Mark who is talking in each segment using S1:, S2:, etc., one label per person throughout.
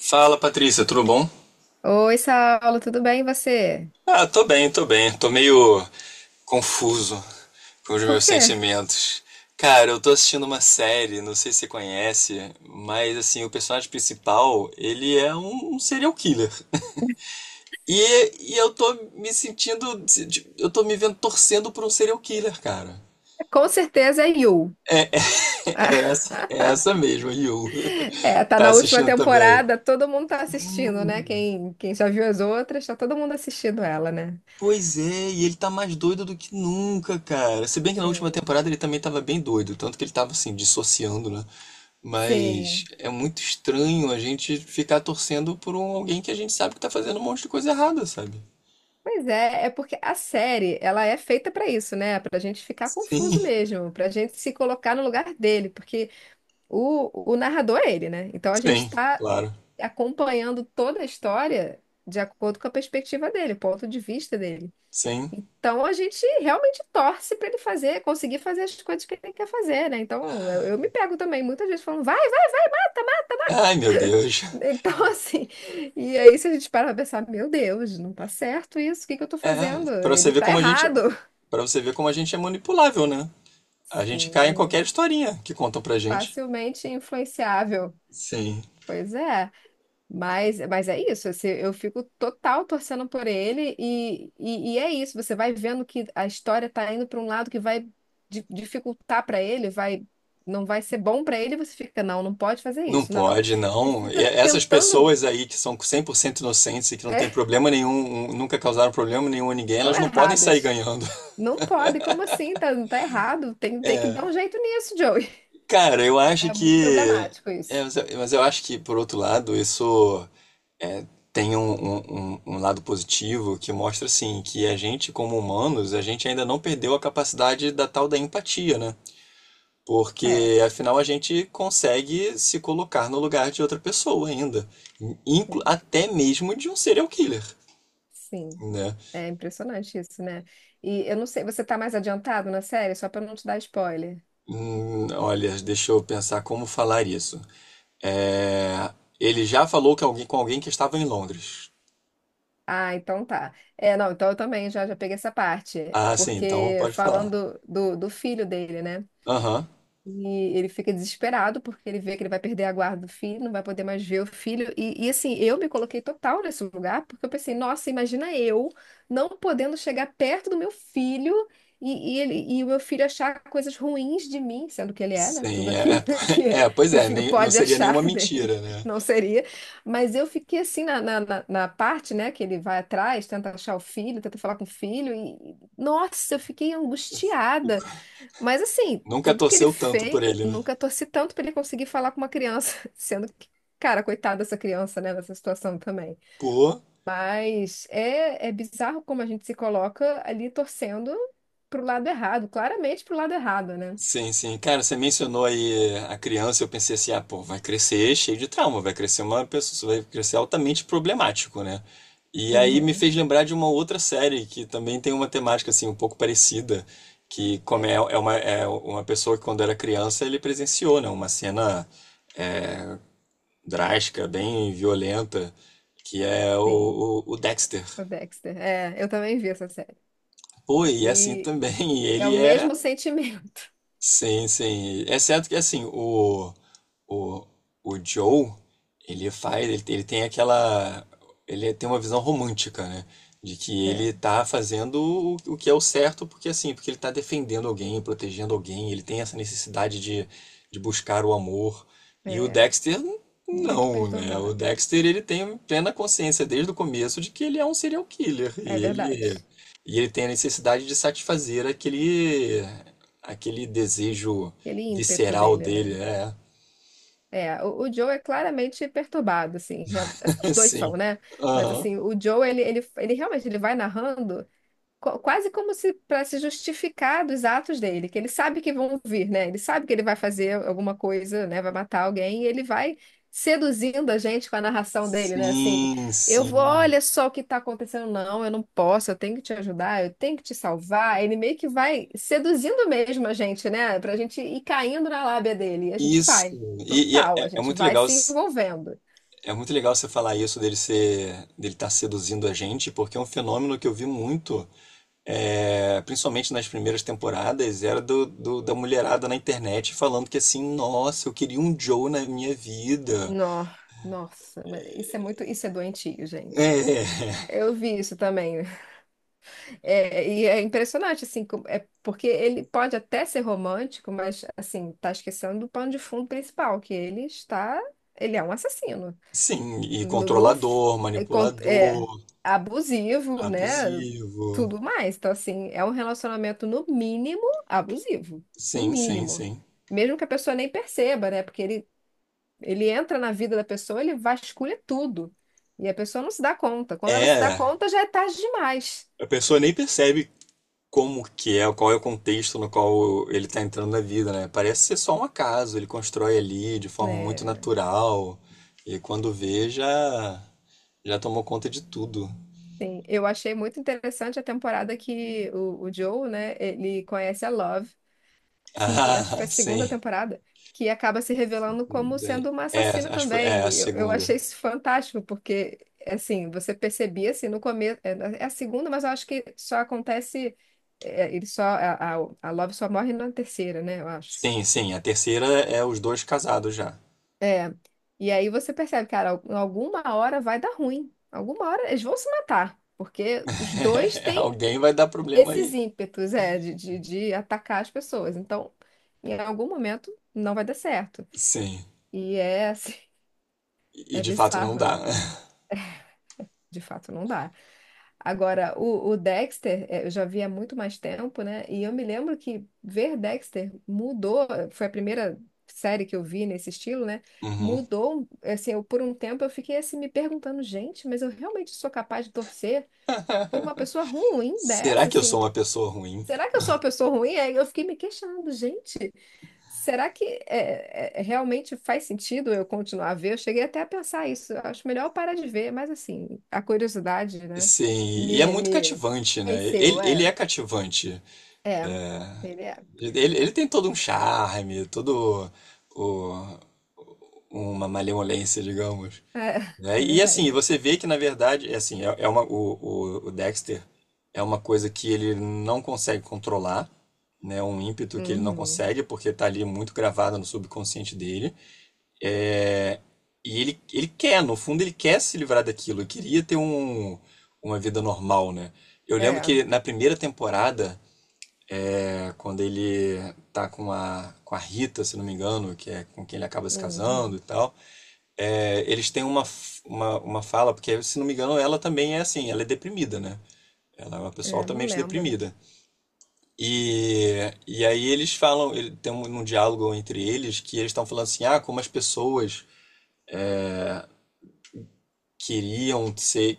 S1: Fala Patrícia, tudo bom?
S2: Oi, Saulo, tudo bem e você?
S1: Tô bem, tô bem. Tô meio confuso com os
S2: Por
S1: meus
S2: quê?
S1: sentimentos. Cara, eu tô assistindo uma série, não sei se você conhece, mas assim, o personagem principal, ele é um serial killer. E eu tô me sentindo, eu tô me vendo torcendo por um serial killer, cara.
S2: Com certeza é You. Ah,
S1: É essa mesmo, Yu.
S2: É, tá
S1: Tá
S2: na última
S1: assistindo também?
S2: temporada, todo mundo tá assistindo, né? Quem já viu as outras, tá todo mundo assistindo ela, né?
S1: Pois é, e ele tá mais doido do que nunca, cara. Se bem que na última
S2: Sim.
S1: temporada ele também tava bem doido, tanto que ele tava assim, dissociando, né? Mas
S2: Sim.
S1: é muito estranho a gente ficar torcendo por um alguém que a gente sabe que tá fazendo um monte de coisa errada, sabe?
S2: Pois é, é porque a série, ela é feita pra isso, né? Pra gente ficar
S1: Sim.
S2: confuso mesmo, pra gente se colocar no lugar dele, porque o narrador é ele, né? Então a gente
S1: Sim,
S2: tá
S1: claro.
S2: acompanhando toda a história de acordo com a perspectiva dele, o ponto de vista dele.
S1: Sim.
S2: Então a gente realmente torce para ele fazer, conseguir fazer as coisas que ele quer fazer, né? Então eu me pego também muitas vezes falando, vai, vai, tá
S1: Ai, meu Deus.
S2: mais. Então assim, e aí se a gente para pra pensar, meu Deus, não tá certo isso, o que que eu tô
S1: É,
S2: fazendo?
S1: pra você
S2: Ele
S1: ver
S2: tá
S1: como a
S2: errado.
S1: para você ver como a gente é manipulável, né? A gente cai em qualquer
S2: Sim,
S1: historinha que contam pra gente.
S2: facilmente influenciável.
S1: Sim.
S2: Pois é. Mas é isso, assim, eu fico total torcendo por ele e é isso, você vai vendo que a história tá indo para um lado que vai dificultar para ele, vai não vai ser bom para ele, e você fica, não, não pode fazer
S1: Não
S2: isso, não.
S1: pode,
S2: Você
S1: não. E
S2: fica
S1: essas
S2: tentando,
S1: pessoas aí que são 100% inocentes e que não tem
S2: é,
S1: problema nenhum, nunca causaram problema nenhum a ninguém,
S2: estão
S1: elas não podem sair
S2: erradas.
S1: ganhando.
S2: Não pode, como assim? Tá, tá errado, tem, tem que dar um jeito nisso, Joey.
S1: Cara, eu acho
S2: É muito
S1: que.
S2: problemático
S1: é,
S2: isso.
S1: mas eu mas eu acho que, por outro lado, isso tem um, um lado positivo que mostra, assim, que a gente, como humanos, a gente ainda não perdeu a capacidade da tal da empatia, né?
S2: É,
S1: Porque, afinal, a gente consegue se colocar no lugar de outra pessoa ainda.
S2: sim,
S1: Até mesmo de um serial killer,
S2: sim.
S1: né?
S2: É impressionante isso, né? E eu não sei, você tá mais adiantado na série? Só para não te dar spoiler.
S1: Olha, deixa eu pensar como falar isso. É, ele já falou que alguém, com alguém que estava em Londres.
S2: Ah, então tá. É, não, então eu também já, já peguei essa parte,
S1: Ah, sim, então
S2: porque
S1: pode falar.
S2: falando do filho dele, né?
S1: Aham,
S2: E ele fica desesperado porque ele vê que ele vai perder a guarda do filho, não vai poder mais ver o filho. E, assim, eu me coloquei total nesse lugar, porque eu pensei, nossa, imagina eu não podendo chegar perto do meu filho e ele, e o meu filho achar coisas ruins de mim, sendo que ele é, né? Tudo
S1: sim,
S2: aquilo que,
S1: é, pois
S2: que o
S1: é,
S2: filho
S1: não
S2: pode
S1: seria nenhuma
S2: achar dele,
S1: mentira, né?
S2: não seria. Mas eu fiquei assim na parte, né, que ele vai atrás, tenta achar o filho, tenta falar com o filho, e nossa, eu fiquei angustiada. Mas assim,
S1: Nunca
S2: tudo que ele
S1: torceu tanto
S2: fez,
S1: por ele, né?
S2: nunca torci tanto pra ele conseguir falar com uma criança, sendo que, cara, coitada dessa criança, né, nessa situação também.
S1: Pô.
S2: Mas é, é bizarro como a gente se coloca ali torcendo pro lado errado, claramente pro lado errado, né?
S1: Sim, sim. Cara, você mencionou aí a criança, eu pensei assim, ah, pô, vai crescer cheio de trauma, vai crescer uma pessoa, vai crescer altamente problemático, né? E aí me
S2: Uhum.
S1: fez lembrar de uma outra série que também tem uma temática assim um pouco parecida,
S2: É,
S1: é uma pessoa que quando era criança ele presenciou, né, uma cena drástica, bem violenta, que é
S2: sim,
S1: o Dexter.
S2: o Dexter. É, eu também vi essa série.
S1: Pô, e é assim
S2: E
S1: também,
S2: é o
S1: ele é.
S2: mesmo sentimento,
S1: Sim, sim. É certo que assim, o, o Joe, ele faz, ele tem aquela, ele tem uma visão romântica, né? De que ele
S2: né?
S1: tá fazendo o que é o certo, porque assim, porque ele tá defendendo alguém, protegendo alguém, ele tem essa necessidade de buscar o amor. E o
S2: É,
S1: Dexter,
S2: muito
S1: não, né? O
S2: perturbado.
S1: Dexter, ele tem plena consciência desde o começo de que ele é um serial killer.
S2: É verdade.
S1: E ele tem a necessidade de satisfazer aquele aquele desejo
S2: Aquele ímpeto
S1: visceral
S2: dele,
S1: dele,
S2: né?
S1: é.
S2: É, o Joe é claramente perturbado, assim, assim, os dois são,
S1: Sim.
S2: né? Mas
S1: Aham.
S2: assim, o Joe, ele realmente ele vai narrando quase como se para se justificar dos atos dele, que ele sabe que vão vir, né? Ele sabe que ele vai fazer alguma coisa, né? Vai matar alguém e ele vai seduzindo a gente com a narração dele, né? Assim,
S1: Sim,
S2: eu vou,
S1: sim.
S2: olha só o que está acontecendo. Não, eu não posso, eu tenho que te ajudar, eu tenho que te salvar. Ele meio que vai seduzindo mesmo a gente, né? Pra gente ir caindo na lábia dele. E a gente
S1: Isso.
S2: vai, total, a
S1: É
S2: gente
S1: muito
S2: vai
S1: legal,
S2: se envolvendo.
S1: é muito legal você falar isso dele ser, dele estar seduzindo a gente, porque é um fenômeno que eu vi muito, é, principalmente nas primeiras temporadas, era do, da mulherada na internet falando que assim, nossa, eu queria um Joe na minha vida.
S2: Nó- Nossa, mas isso é muito, isso é doentio, gente.
S1: É,
S2: Eu vi isso também. É, e é impressionante, assim, é porque ele pode até ser romântico, mas, assim, tá esquecendo do pano de fundo principal, que ele está, ele é um assassino,
S1: sim, e
S2: no, no f-
S1: controlador,
S2: é, é,
S1: manipulador,
S2: abusivo, né,
S1: abusivo.
S2: tudo mais, então, assim, é um relacionamento, no mínimo, abusivo, no
S1: Sim, sim,
S2: mínimo,
S1: sim.
S2: mesmo que a pessoa nem perceba, né, porque ele entra na vida da pessoa, ele vasculha tudo, e a pessoa não se dá conta, quando ela se dá
S1: É,
S2: conta, já é tarde demais,
S1: a pessoa nem percebe como que é, qual é o contexto no qual ele tá entrando na vida, né? Parece ser só um acaso, ele constrói ali de forma muito
S2: né?
S1: natural e quando vê já tomou conta de tudo.
S2: Sim, eu achei muito interessante a temporada que o Joe, né, ele conhece a Love, que acho que foi
S1: Ah,
S2: a
S1: sim.
S2: segunda temporada, que acaba se revelando como
S1: Daí-
S2: sendo uma
S1: É,
S2: assassina
S1: acho que foi, é a
S2: também. Eu
S1: segunda.
S2: achei isso fantástico, porque, assim, você percebia, assim, no começo, é, é a segunda, mas eu acho que só acontece, é, ele só, a Love só morre na terceira, né, eu acho.
S1: Sim, sim, a terceira é os dois casados já.
S2: É, e aí você percebe, cara, alguma hora vai dar ruim, alguma hora eles vão se matar, porque os dois têm
S1: Alguém vai dar problema
S2: esses
S1: aí.
S2: ímpetos, é, de atacar as pessoas. Então, em algum momento, não vai dar certo.
S1: Sim.
S2: E é assim,
S1: E
S2: é
S1: de fato não
S2: bizarro,
S1: dá.
S2: né? De fato, não dá. Agora, o Dexter, é, eu já vi há muito mais tempo, né? E eu me lembro que ver Dexter mudou, foi a primeira série que eu vi nesse estilo, né?
S1: Uhum.
S2: Mudou, assim, eu, por um tempo eu fiquei assim me perguntando, gente, mas eu realmente sou capaz de torcer por uma pessoa ruim
S1: Será
S2: dessa,
S1: que eu sou
S2: assim,
S1: uma pessoa ruim?
S2: será que eu sou uma pessoa ruim? Aí eu fiquei me questionando, gente, será que é, é, realmente faz sentido eu continuar a ver? Eu cheguei até a pensar isso. Eu acho melhor eu parar de ver, mas assim, a curiosidade, né,
S1: Sim, e é muito
S2: me
S1: cativante, né?
S2: venceu.
S1: Ele,
S2: É,
S1: ele é cativante.
S2: é, ele é.
S1: Ele tem todo um charme, todo o, uma malevolência, digamos.
S2: É,
S1: Né?
S2: é
S1: E assim,
S2: verdade.
S1: você vê que na verdade, é assim, é, é uma, o Dexter é uma coisa que ele não consegue controlar, né? Um ímpeto que ele não
S2: Uhum.
S1: consegue, porque tá ali muito gravado no subconsciente dele. É, e ele quer, no fundo, ele quer se livrar daquilo. Ele queria ter um, uma vida normal, né? Eu lembro
S2: É,
S1: que na primeira temporada, é, quando ele tá com a Rita, se não me engano, que é com quem ele acaba se casando e
S2: uhum.
S1: tal, é, eles têm uma, uma fala, porque se não me engano, ela também é assim, ela é deprimida, né? Ela é uma pessoa
S2: É, não
S1: altamente
S2: lembro.
S1: deprimida. E, e aí eles falam, ele, tem um, um diálogo entre eles que eles estão falando assim, ah, como as pessoas queriam ser.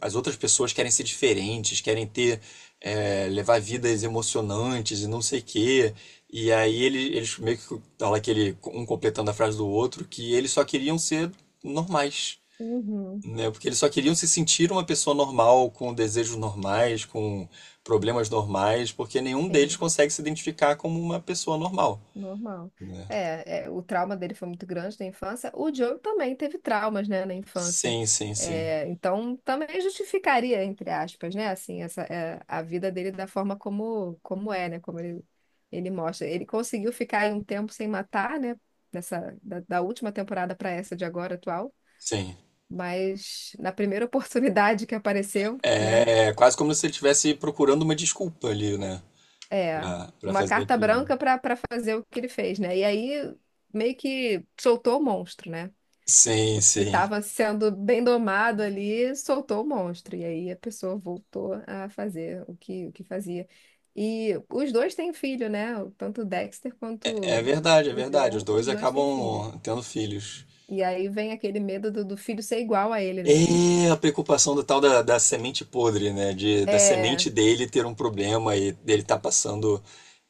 S1: As outras pessoas querem ser diferentes, querem ter, é, levar vidas emocionantes e não sei o quê. E aí ele, eles meio que fala aquele, um completando a frase do outro, que eles só queriam ser normais,
S2: Uhum.
S1: né? Porque eles só queriam se sentir uma pessoa normal, com desejos normais, com problemas normais, porque nenhum deles
S2: Sim.
S1: consegue se identificar como uma pessoa normal,
S2: Normal.
S1: né?
S2: É, é, o trauma dele foi muito grande na infância. O Joe também teve traumas, né, na infância.
S1: Sim, sim, sim.
S2: É, então, também justificaria, entre aspas, né, assim, essa, é, a vida dele da forma como, como é, né, como ele mostra. Ele conseguiu ficar aí um tempo sem matar, né, dessa, da última temporada para essa de agora atual,
S1: Sim.
S2: mas na primeira oportunidade que apareceu, né,
S1: É é quase como se ele estivesse procurando uma desculpa ali, né?
S2: é
S1: Pra, pra
S2: uma
S1: fazer
S2: carta
S1: aquilo. Né?
S2: branca para para fazer o que ele fez, né, e aí meio que soltou o monstro, né?
S1: Sim,
S2: Porque
S1: sim.
S2: estava sendo bem domado ali, soltou o monstro. E aí a pessoa voltou a fazer o que fazia. E os dois têm filho, né? Tanto o Dexter quanto
S1: É verdade, é
S2: o
S1: verdade. Os
S2: Joe,
S1: dois
S2: os dois têm filho.
S1: acabam tendo filhos.
S2: E aí vem aquele medo do filho ser igual a ele, né?
S1: É a preocupação do tal da, da semente podre, né? De, da semente
S2: É,
S1: dele ter um problema e dele tá passando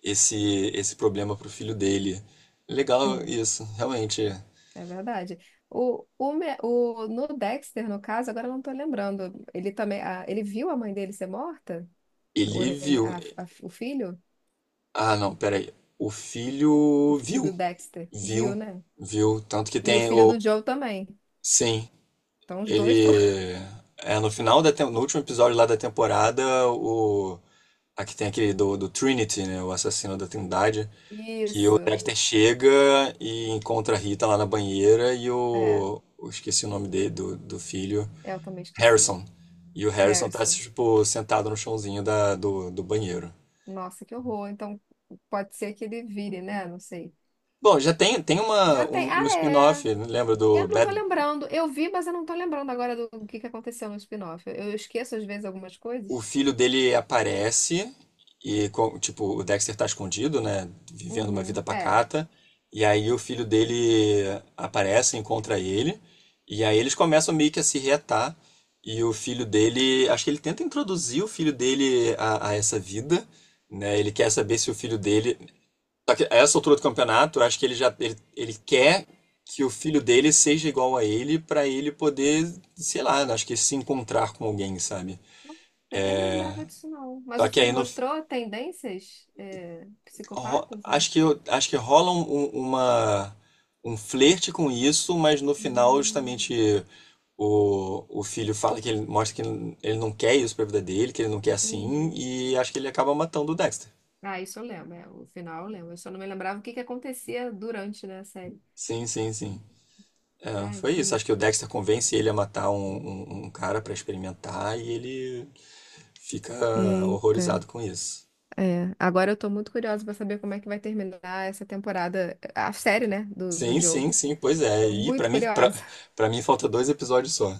S1: esse, esse problema pro filho dele. Legal
S2: sim,
S1: isso, realmente.
S2: é verdade. No Dexter, no caso, agora eu não tô lembrando. Ele também, ele viu a mãe dele ser morta? O,
S1: Ele
S2: nen-
S1: viu.
S2: a- o filho?
S1: Ah, não, peraí. O
S2: O
S1: filho
S2: filho do
S1: viu.
S2: Dexter. Viu,
S1: Viu,
S2: né?
S1: viu. Tanto que
S2: E o
S1: tem
S2: filho
S1: o.
S2: do Joe também.
S1: Sim.
S2: Então os dois estão.
S1: Ele. É, no final da no último episódio lá da temporada, o. Aqui tem aquele do, do Trinity, né? O assassino da Trindade. Que o
S2: Isso.
S1: Dexter chega e encontra a Rita lá na banheira e
S2: É,
S1: o. Eu esqueci o nome dele, do, do filho.
S2: eu também esqueci.
S1: Harrison. E o Harrison tá,
S2: Harrison.
S1: tipo, sentado no chãozinho da, do, do banheiro.
S2: Nossa, que horror. Então pode ser que ele vire, né? Não sei.
S1: Bom, já tem, tem uma,
S2: Já
S1: um,
S2: tem.
S1: um
S2: Ah, é.
S1: spin-off, né? Lembra
S2: Eu
S1: do
S2: não tô
S1: Bad.
S2: lembrando. Eu vi, mas eu não tô lembrando agora do que aconteceu no spin-off. Eu esqueço às vezes algumas
S1: O
S2: coisas.
S1: filho dele aparece e, tipo, o Dexter tá escondido, né? Vivendo uma vida
S2: Uhum. É.
S1: pacata. E aí o filho dele aparece, encontra ele. E aí eles começam meio que a se reatar. E o filho dele, acho que ele tenta introduzir o filho dele a essa vida, né? Ele quer saber se o filho dele. Só que a essa altura do campeonato, eu acho que ele já ele, ele quer que o filho dele seja igual a ele pra ele poder, sei lá, acho que se encontrar com alguém, sabe?
S2: Eu não lembrava disso, não. Mas
S1: Só
S2: o
S1: que
S2: filho
S1: aí no,
S2: mostrou tendências é, psicopatas? Né?
S1: Acho que, acho que rola um, uma, um flerte com isso, mas no final,
S2: Hum.
S1: justamente, o filho fala que ele mostra que ele não quer isso pra vida dele, que ele não quer assim,
S2: Uhum.
S1: e acho que ele acaba matando o Dexter.
S2: Ah, isso eu lembro, é, o final eu lembro. Eu só não me lembrava o que que acontecia durante, né, a série.
S1: Sim, sim, sim. É,
S2: Ai,
S1: foi isso.
S2: que.
S1: Acho que o Dexter convence ele a matar um, um cara pra experimentar e ele fica
S2: Eita,
S1: horrorizado com isso.
S2: é. Agora eu tô muito curiosa pra saber como é que vai terminar essa temporada, a série, né, do
S1: Sim,
S2: Joe.
S1: sim, sim, pois é.
S2: Tô
S1: E pra
S2: muito
S1: mim, pra,
S2: curiosa.
S1: pra mim falta 2 episódios só.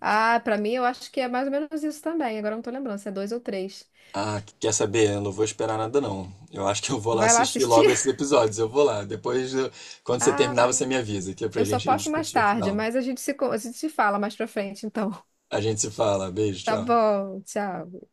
S2: Ah, pra mim eu acho que é mais ou menos isso também. Agora eu não tô lembrando se é dois ou três.
S1: Ah, quer saber? Eu não vou esperar nada, não. Eu acho que eu vou lá
S2: Vai lá
S1: assistir
S2: assistir?
S1: logo esses episódios. Eu vou lá. Depois, quando você terminar,
S2: Ah,
S1: você me avisa, que é pra
S2: eu só
S1: gente
S2: posso mais
S1: discutir o
S2: tarde,
S1: final.
S2: mas a gente se, a gente se fala mais pra frente, então.
S1: A gente se fala. Beijo,
S2: Tá
S1: tchau.
S2: bom, tchau.